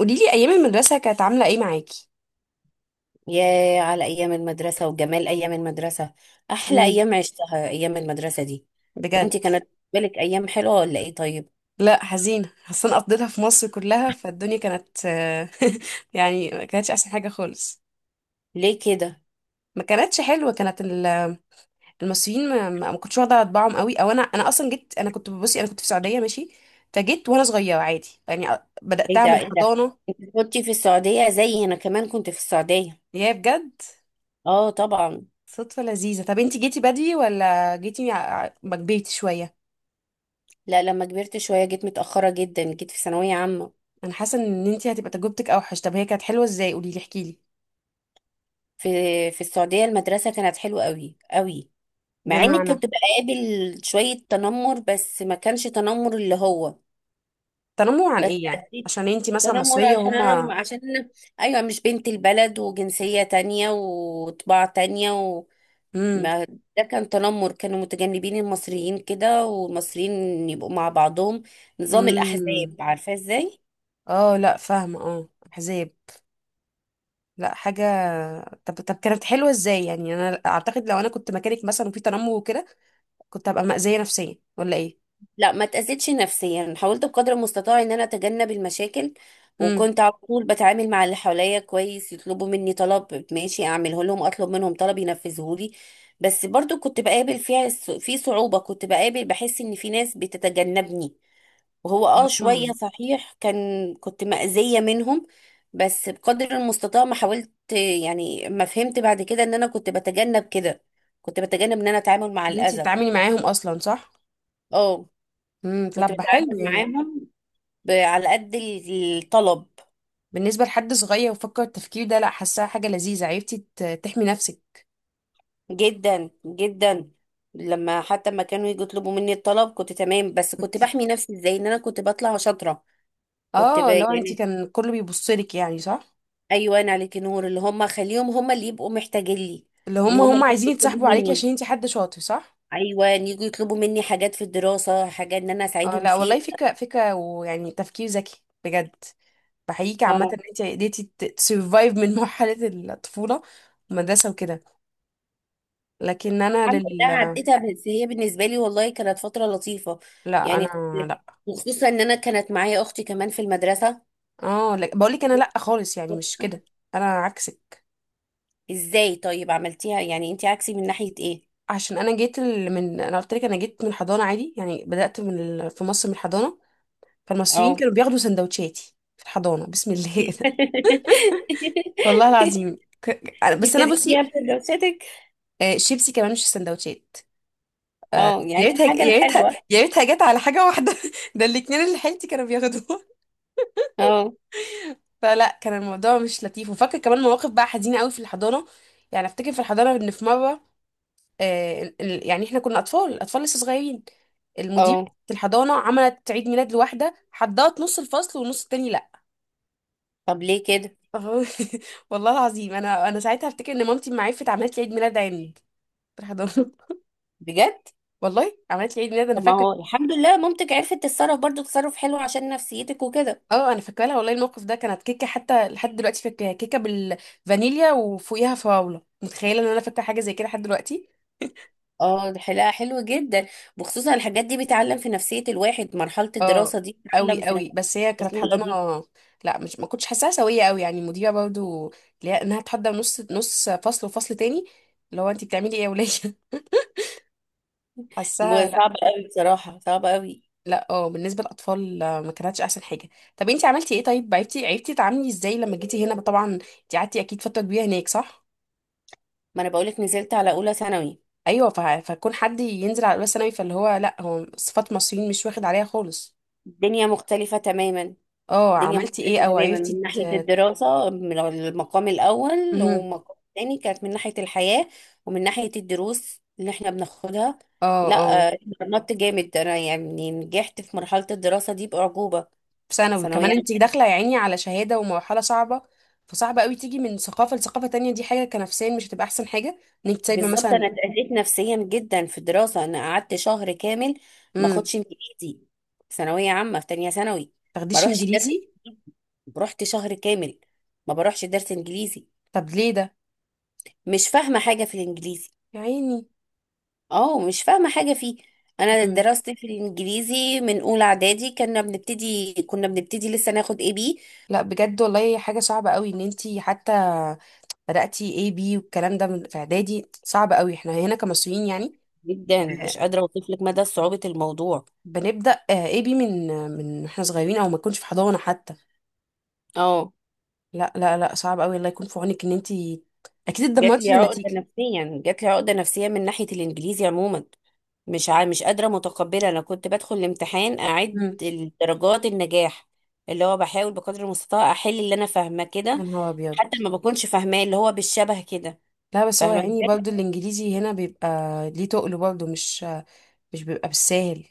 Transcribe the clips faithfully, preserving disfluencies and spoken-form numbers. قوليلي ايام المدرسه كانت عامله ايه معاكي؟ ياه على أيام المدرسة وجمال أيام المدرسة. أحلى امم. أيام عشتها أيام المدرسة دي. بجد. وأنت كانت بالك أيام حلوة ولا إيه؟ طيب لا حزينه اصلا قضيتها في مصر كلها فالدنيا كانت آه، يعني ما كانتش احسن حاجه خالص. ليه كده؟ ما كانتش حلوه، كانت ال- المصريين ما, ما ما كنتش واخده طباعهم قوي، او انا انا اصلا جيت، انا كنت بصي انا كنت في السعوديه ماشي. فجيت وانا صغيره عادي يعني أ- إيه بداتها ده من إيه ده؟ حضانه. أنت كنت في السعودية؟ زي أنا كمان كنت في السعودية. يا بجد. آه طبعا. صدفه لذيذه. طب انتي جيتي بدري ولا جيتي ع- ع- ما كبرتي شويه؟ لا لما كبرت شوية جيت متأخرة جدا، جيت في ثانوية عامة. انا حاسه ان انتي هتبقى تجربتك اوحش. طب هي كانت حلوه ازاي؟ قوليلي احكيلي. في في السعودية المدرسة كانت حلوة قوي قوي. مع إنك بمعنى؟ كنت بقابل شوية تنمر، بس ما كانش تنمر اللي هو. تنمر عن بس ايه يعني؟ عشان انتي مثلا تنمر مصرية عشان انا م- وهما؟ عشان أنا ايوه مش بنت البلد، وجنسية تانية وطباع تانية. امم. وما، ده كان تنمر، كانوا متجنبين المصريين كده، والمصريين يبقوا مع بعضهم. نظام امم. الاحزاب، عارفة ازاي. اه، لا فاهمة، اه احزاب. لا حاجة. طب طب كانت حلوة ازاي يعني؟ انا اعتقد لو انا كنت مكانك مثلا وفي تنمر وكده كنت هبقى مأذية نفسيا ولا ايه؟ لا ما تأذيتش نفسيا، حاولت بقدر المستطاع ان انا اتجنب المشاكل. امم. وكنت على طول بتعامل مع اللي حواليا كويس، يطلبوا مني طلب ماشي اعمله لهم، اطلب منهم طلب ينفذه لي. بس برضو كنت بقابل فيها الص- في صعوبة، كنت بقابل بحس ان في ناس بتتجنبني. وهو اه شوية امم. صحيح كان كنت مأذية منهم. بس بقدر المستطاع ما حاولت. يعني ما فهمت بعد كده ان انا كنت بتجنب كده. كنت بتجنب ان انا اتعامل مع ان انتي الأذى. كنت تتعاملي معاهم بحب. اصلا صح؟ اه امم، كنت طب حلو بتعامل يعني. معاهم ب- على قد ال- الطلب. بالنسبة لحد صغير وفكر التفكير ده لا، حاساها حاجة لذيذة. عرفتي ت- تحمي نفسك. جدا جدا، لما حتى ما كانوا يجوا يطلبوا مني الطلب كنت تمام. بس كنت كنت. بحمي نفسي ازاي؟ ان انا كنت بطلع شاطرة. كنت ب... اه، لو انتي يعني كان كله بيبصلك يعني صح؟ ايوه، انا عليكي نور اللي هم، خليهم هم اللي يبقوا محتاجين لي. اللي ان هم هم هم اللي عايزين يطلبوا يتصاحبوا عليكي مني. عشان انتي حد شاطر صح؟ ايوه، إن يجوا يطلبوا مني حاجات في الدراسه، حاجات ان انا اه اساعدهم لا فيها. والله، فكرة فكرة ويعني تفكير ذكي بجد. بحييكي عامة اه ان انتي قدرتي تسرفايف من مرحلة الطفولة، المدرسة وكده. لكن انا الحمد لله لل عديتها، بس هي بالنسبه لي والله كانت فتره لطيفه. لا يعني انا كنت- لا. وخصوصا ان انا كانت معايا اختي كمان في المدرسه. اه لا. بقول لك انا لا خالص، يعني مش كده. انا عكسك. ازاي طيب عملتيها؟ يعني انت عكسي من ناحيه ايه؟ عشان انا جيت ال- من انا قلت لك انا جيت من الحضانة عادي، يعني بدأت من ال... في مصر من الحضانة. فالمصريين اه. كانوا بياخدوا سندوتشاتي في الحضانة بسم الله. والله العظيم ك- ك- بس انا بصي، ابتديتيها بدراستك. آه، شيبسي كمان مش السندوتشات. آه، اه يا يعني ريتها الحاجه يا ريتها الحلوه. يا ريتها جت على حاجه واحده ده الاتنين اللي حيلتي كانوا بياخدوها اه. فلا كان الموضوع مش لطيف، وفاكر كمان مواقف بقى حزينه قوي في الحضانه. يعني افتكر في الحضانه ان في مره آه، ال- ال- يعني احنا كنا اطفال اطفال لسه صغيرين، المدير اه في الحضانه عملت عيد ميلاد لواحده، حضرت نص الفصل والنص التاني لا. طب ليه كده؟ والله العظيم انا انا ساعتها افتكر ان مامتي ما عرفت، عملت لي عيد ميلاد عندي في الحضانه. بجد. والله عملت لي عيد ميلاد انا طب ما فاكره. هو الحمد لله مامتك عرفت تتصرف برضو تصرف حلو عشان نفسيتك وكده. اه، انا فاكره لها والله الموقف ده، كانت كيكه، حتى لحد دلوقتي فاكراها كيكه بالفانيليا وفوقيها فراوله، متخيله ان انا فاكره حاجه زي كده لحد دلوقتي. اه دي حلقة حلوة جدا. وخصوصا الحاجات دي بتعلم في نفسية الواحد، مرحلة اه، الدراسة دي بتعلم قوي في قوي نفسية بس هي كانت الطفولة حضانه. دي. لا مش، ما كنتش حاساها سويه قوي، يعني المديره برضو اللي هي انها تحضر نص نص فصل وفصل تاني، اللي هو انت بتعملي ايه يا وليه؟ حاساها م- لا. صعبة قوي بصراحة، صعبة قوي. لا اه، بالنسبه للاطفال آه، ما كانتش احسن حاجه. طب انت عملتي ايه؟ طيب عرفتي عرفتي تتعاملي ازاي لما جيتي هنا؟ طبعا انت قعدتي اكيد فتره كبيره هناك صح؟ ما انا بقولك نزلت على اولى ثانوي. ايوه، فه- فكون حد ينزل على، بس انا فاللي هو لا، هو صفات مصريين مش واخد عليها خالص. الدنيا مختلفة تماما. اه، الدنيا عملتي ايه مختلفة او تماما عرفتي من ت... ناحية الدراسة، من المقام الاول مهم. والمقام الثاني كانت من ناحية الحياة. ومن ناحية الدروس اللي احنا بناخدها. اه. اه. لا آه، اتمرنت جامد انا، يعني نجحت في مرحلة الدراسة دي بأعجوبة. في ثانوي ثانوية كمان انت عامة. داخله يا عيني على شهاده ومرحله صعبه. فصعب قوي تيجي من ثقافه لثقافه تانية، دي حاجه كنفسيا مش هتبقى احسن حاجه، ان انت سايبه بالظبط مثلا. انا اتأذيت نفسيا جدا في الدراسه. انا قعدت شهر كامل ما امم. اخدش انجليزي. ثانويه عامه في تانية ثانوي. ما تاخديش اروحش درس انجليزي؟ انجليزي. رحت شهر كامل ما بروحش درس انجليزي. طب ليه ده؟ مش فاهمه حاجه في الانجليزي. يا عيني. اه مش فاهمه حاجه فيه. انا امم. دراستي في الانجليزي من اولى اعدادي، كنا بنبتدي كنا بنبتدي لسه ناخد اي بي. لا بجد والله حاجه صعبه قوي، ان انت حتى بداتي اي بي والكلام ده من- في اعدادي، صعب قوي احنا هنا كمصريين يعني. جدا مش قادره اوصف لك مدى صعوبه الموضوع. بنبدأ آه، اي بي من من احنا صغيرين او ما تكونش في حضانة حتى. اه لا لا لا، صعب قوي، الله يكون في عونك ان انتي اكيد جات اتدمرتي لي في عقده النتيجة. نفسيا، جات لي عقده نفسيا من ناحيه الانجليزي عموما. مش ع... مش قادرة متقبلة، أنا كنت بدخل الامتحان أعد امم. درجات النجاح. اللي هو بحاول بقدر المستطاع أحل اللي أنا فاهمة يا كده. نهار ابيض. حتى ما بكونش فاهماه اللي هو بالشبه كده. لا بس هو فاهمة يعني برضه ازاي. الانجليزي هنا بيبقى، ليه تقله برضه؟ مش، مش بيبقى بالساهل.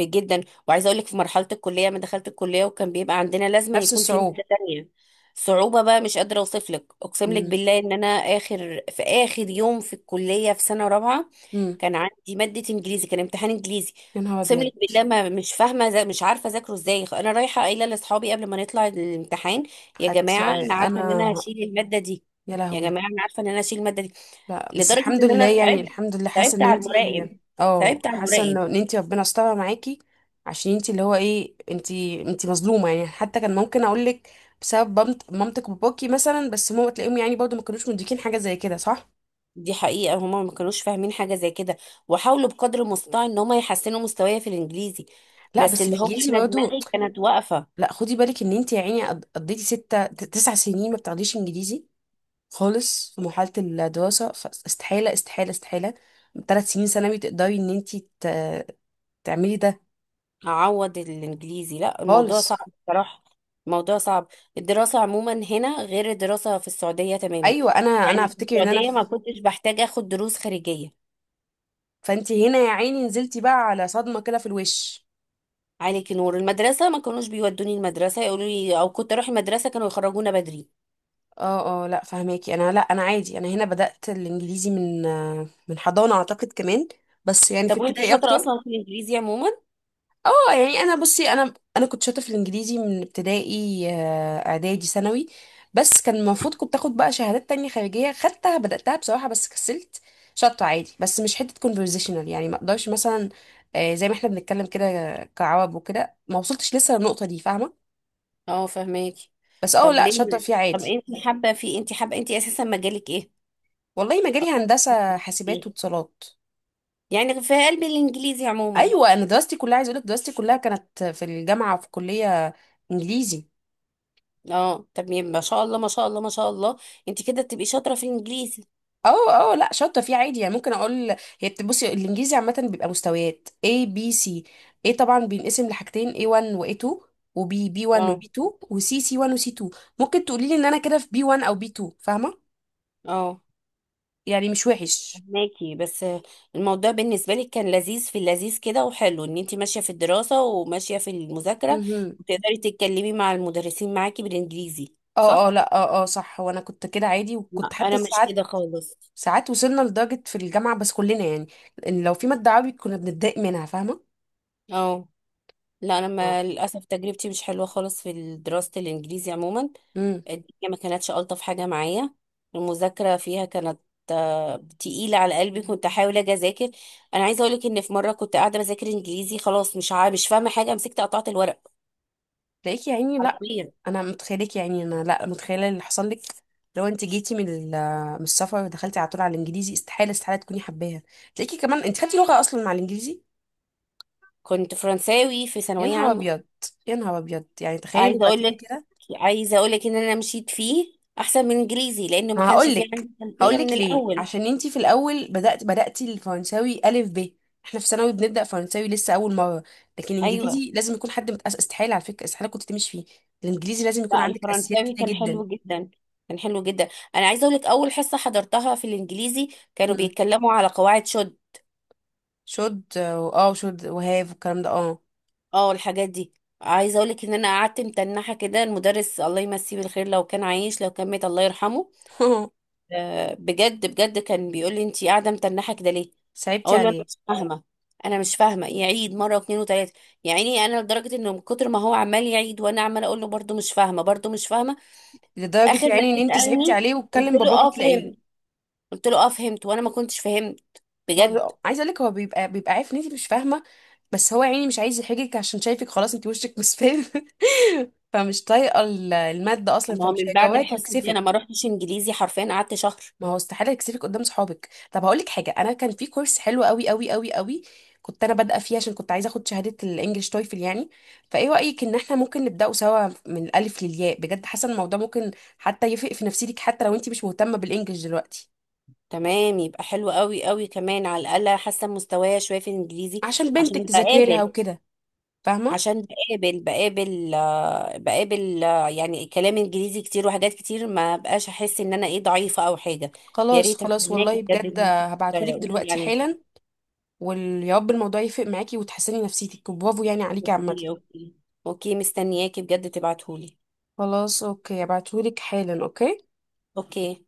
جدا. وعايزه اقول لك في مرحله الكليه، ما دخلت الكليه وكان بيبقى عندنا لازم نفس يكون في الصعوبة. ماده تانية. صعوبه بقى مش قادره اوصف لك. اقسم لك امم. بالله ان انا اخر، في اخر يوم في الكليه في سنه رابعه امم. كان عندي ماده انجليزي، كان امتحان انجليزي. يا نهار اقسم ابيض. لك بالله ما مش فاهمه، زي مش عارفه اذاكره ازاي. انا رايحه قايله لاصحابي قبل ما نطلع الامتحان: يا حتى. جماعه انا عارفه ان انا. انا هشيل الماده دي. يا يا لهوي. جماعه انا عارفه ان انا هشيل الماده دي. لا بس لدرجه الحمد ان لله انا يعني، صعبت، الحمد لله حاسه صعبت ان على انتي، المراقب، اه صعبت على حاسه المراقب. انه- ان انتي ربنا استرها معاكي. عشان انتي اللي هو ايه، انتي انتي مظلومه يعني، حتى كان ممكن اقول لك بسبب بمت- مامتك وباباكي مثلا، بس ماما تلاقيهم يعني برضو ما كانوش مديكين حاجه زي كده صح؟ دي حقيقة، هما ما كانوش فاهمين حاجة زي كده. وحاولوا بقدر المستطاع ان هما يحسنوا مستواي في الانجليزي. لا بس بس اللي هو الانجليزي انا برضو. دماغي كانت واقفة. لا خدي بالك ان انتي يا عيني قض- قضيتي ستة ت- تسع سنين ما بتاخديش انجليزي خالص في مرحله الدراسه، فاستحاله استحاله استحاله ثلاث سنين ثانوي تقدري ان انتي ت- تعملي ده. اعوض الانجليزي؟ لا الموضوع صعب خالص. بصراحة. الموضوع صعب. الدراسة عموما هنا غير الدراسة في السعودية تماما. ايوه، انا انا يعني في افتكر ان انا السعودية ما ف... كنتش بحتاج اخد دروس خارجية. فانتي هنا يا عيني نزلتي بقى على صدمه كده في الوش. عليك نور، المدرسة ما كانوش بيودوني المدرسة يقولوا لي، او كنت اروح المدرسة كانوا يخرجونا بدري. اه اه، لا فهماكي، انا لا انا عادي، انا هنا بدأت الانجليزي من آه، من حضانه اعتقد كمان، بس يعني في طب وانت ابتدائي شاطرة اكتر. اصلا في الانجليزي عموما؟ اه يعني انا بصي، انا انا كنت شاطره في الانجليزي من ابتدائي، آه، اعدادي، ثانوي. بس كان المفروض كنت اخد بقى شهادات تانية خارجيه، خدتها بداتها بصراحه بس كسلت. شاطره عادي بس مش حته conversational يعني، ما اقدرش مثلا آه، زي ما احنا بنتكلم كده كعرب وكده، ما وصلتش لسه للنقطه دي فاهمه. اه فهماكي. بس اه طب لا شاطره ليه؟ فيه طب عادي. انت حابه في، انت حابه، انت اساسا مجالك ايه؟ والله مجالي هندسه حاسبات إيه؟ واتصالات. يعني في قلبي الانجليزي عموما. ايوه انا دراستي كلها، عايز اقول لك دراستي كلها كانت في الجامعه في كليه انجليزي. اه طب يبقى ما شاء الله ما شاء الله ما شاء الله. انت كده تبقي شاطره في الانجليزي. اه اه لا شاطره فيه عادي، يعني ممكن اقول هي بت- بصي الانجليزي عامه بيبقى مستويات إيه بي سي. إيه طبعا بينقسم لحاجتين إيه وان و إيه تو، و بي بي وان و اه بي تو، و سي سي وان و سي تو. ممكن تقولي لي ان انا كده في بي وان او بي تو، فاهمه؟ اه يعني مش وحش. فهماكي. بس الموضوع بالنسبه لك كان لذيذ، في اللذيذ كده وحلو ان انت ماشيه في الدراسه وماشيه في المذاكره، امم. وتقدري تتكلمي مع المدرسين معاكي بالانجليزي اه اه صح؟ لا، اه اه صح، وانا كنت كده عادي، لا وكنت حتى انا مش ساعات، كده خالص. ساعات وصلنا لدرجه في الجامعه بس كلنا يعني، ان لو في ماده عربي كنا بنتضايق منها فاهمه. اه لا انا، ما للاسف تجربتي مش حلوه خالص في دراسه الانجليزي عموما. امم. الدنيا ما كانتش الطف حاجه معايا. المذاكره فيها كانت آه، تقيله على قلبي. كنت احاول اجي اذاكر. انا عايزه اقولك ان في مره كنت قاعده بذاكر انجليزي، خلاص مش عا... مش فاهمه حاجه، مسكت قطعت الورق تلاقيك يا عيني لا، حرفيا. انا متخيلك يا عيني. انا لا متخيله اللي حصل لك. لو انت جيتي من ال- من السفر ودخلتي على طول على الانجليزي، استحاله استحاله تكوني حباها. تلاقيكي كمان انت خدتي لغه اصلا مع الانجليزي؟ كنت فرنساوي في يا ثانويه نهار عامه. ابيض. يا نهار ابيض يعني، تخيلي عايزه لغتين اقولك، كده. عايزه اقولك ان انا مشيت فيه احسن من انجليزي، لان ما ما كانش هقول فيه لك، عندي هقول خلفيه من لك ليه: الاول. عشان انت في الاول بدات بداتي الفرنساوي الف ب، احنا في ثانوي بنبدا فرنساوي لسه اول مره. لكن ايوه. الانجليزي لازم يكون حد متأسس، استحاله على فكره، استحاله كنت تمشي فيه. الانجليزي لازم يكون لا عندك اساسيات الفرنساوي كتير كان جدا. حلو جدا، كان حلو جدا. انا عايزه اقول لك اول حصه حضرتها في الانجليزي كانوا إمم. بيتكلموا على قواعد شد. شد، اه، وشد وهاف والكلام ده، اه. اه الحاجات دي. عايزه اقول لك ان انا قعدت متنحه كده. المدرس الله يمسيه بالخير لو كان عايش، لو كان مات الله يرحمه، آه، بجد بجد كان بيقول لي انت قاعده متنحه كده ليه. صعبتي اقول له انا عليه. مش فاهمه. انا مش فاهمه. يعيد مره واثنين وثلاثه. يعني انا لدرجه انه من كتر ما هو عمال يعيد وانا عمال اقول له برده مش فاهمه برده مش فاهمه. لدرجة اخر ما يعني ان جه انت صعبتي سالني، عليه، قلت وتكلم له باباكي اه تلاقيه، فهمت. قلت له اه فهمت وانا ما كنتش فهمت. بجد. بابا- عايزة اقولك هو بيبقى بيبقى عارف ان انت مش فاهمة، بس هو يعني مش عايز يحرجك عشان شايفك خلاص انت وشك مصفر فمش طايقة ال- المادة اصلا، ما هو فمش من بعد هيقواك الحصه دي انا ويكسفك. ما رحتش انجليزي، حرفيا قعدت شهر. ما هو استحالة يكسفك قدام صحابك. طب هقول لك حاجة: أنا كان في كورس حلو قوي قوي قوي قوي كنت أنا بادئة فيه، عشان كنت عايزة أخد شهادة الإنجليش تويفل يعني. فإيه رأيك إن إحنا ممكن نبدأه سوا من الألف للياء؟ بجد حاسة إن الموضوع ممكن حتى يفرق في نفسيتك، حتى لو أنت مش مهتمة بالإنجليش دلوقتي تمام يبقى حلو قوي قوي، كمان على الاقل حاسه مستوايا شويه في الانجليزي. عشان بنتك عشان تذاكري لها بقابل، وكده، فاهمة؟ عشان بقابل بقابل آه، بقابل آه، يعني كلام انجليزي كتير وحاجات كتير، ما بقاش احس ان انا ايه ضعيفه او حاجه. يا خلاص ريت خلاص، استناكي والله بجد بجد ان انت هبعتهولك تقولي دلوقتي يعني. حالا. ويا رب الموضوع يفرق معاكي وتحسني نفسيتك، برافو يعني عليكي عامة. اوكي اوكي. اوكي مستنياكي بجد تبعتهولي. خلاص أوكي، هبعتهولك حالا. أوكي. اوكي.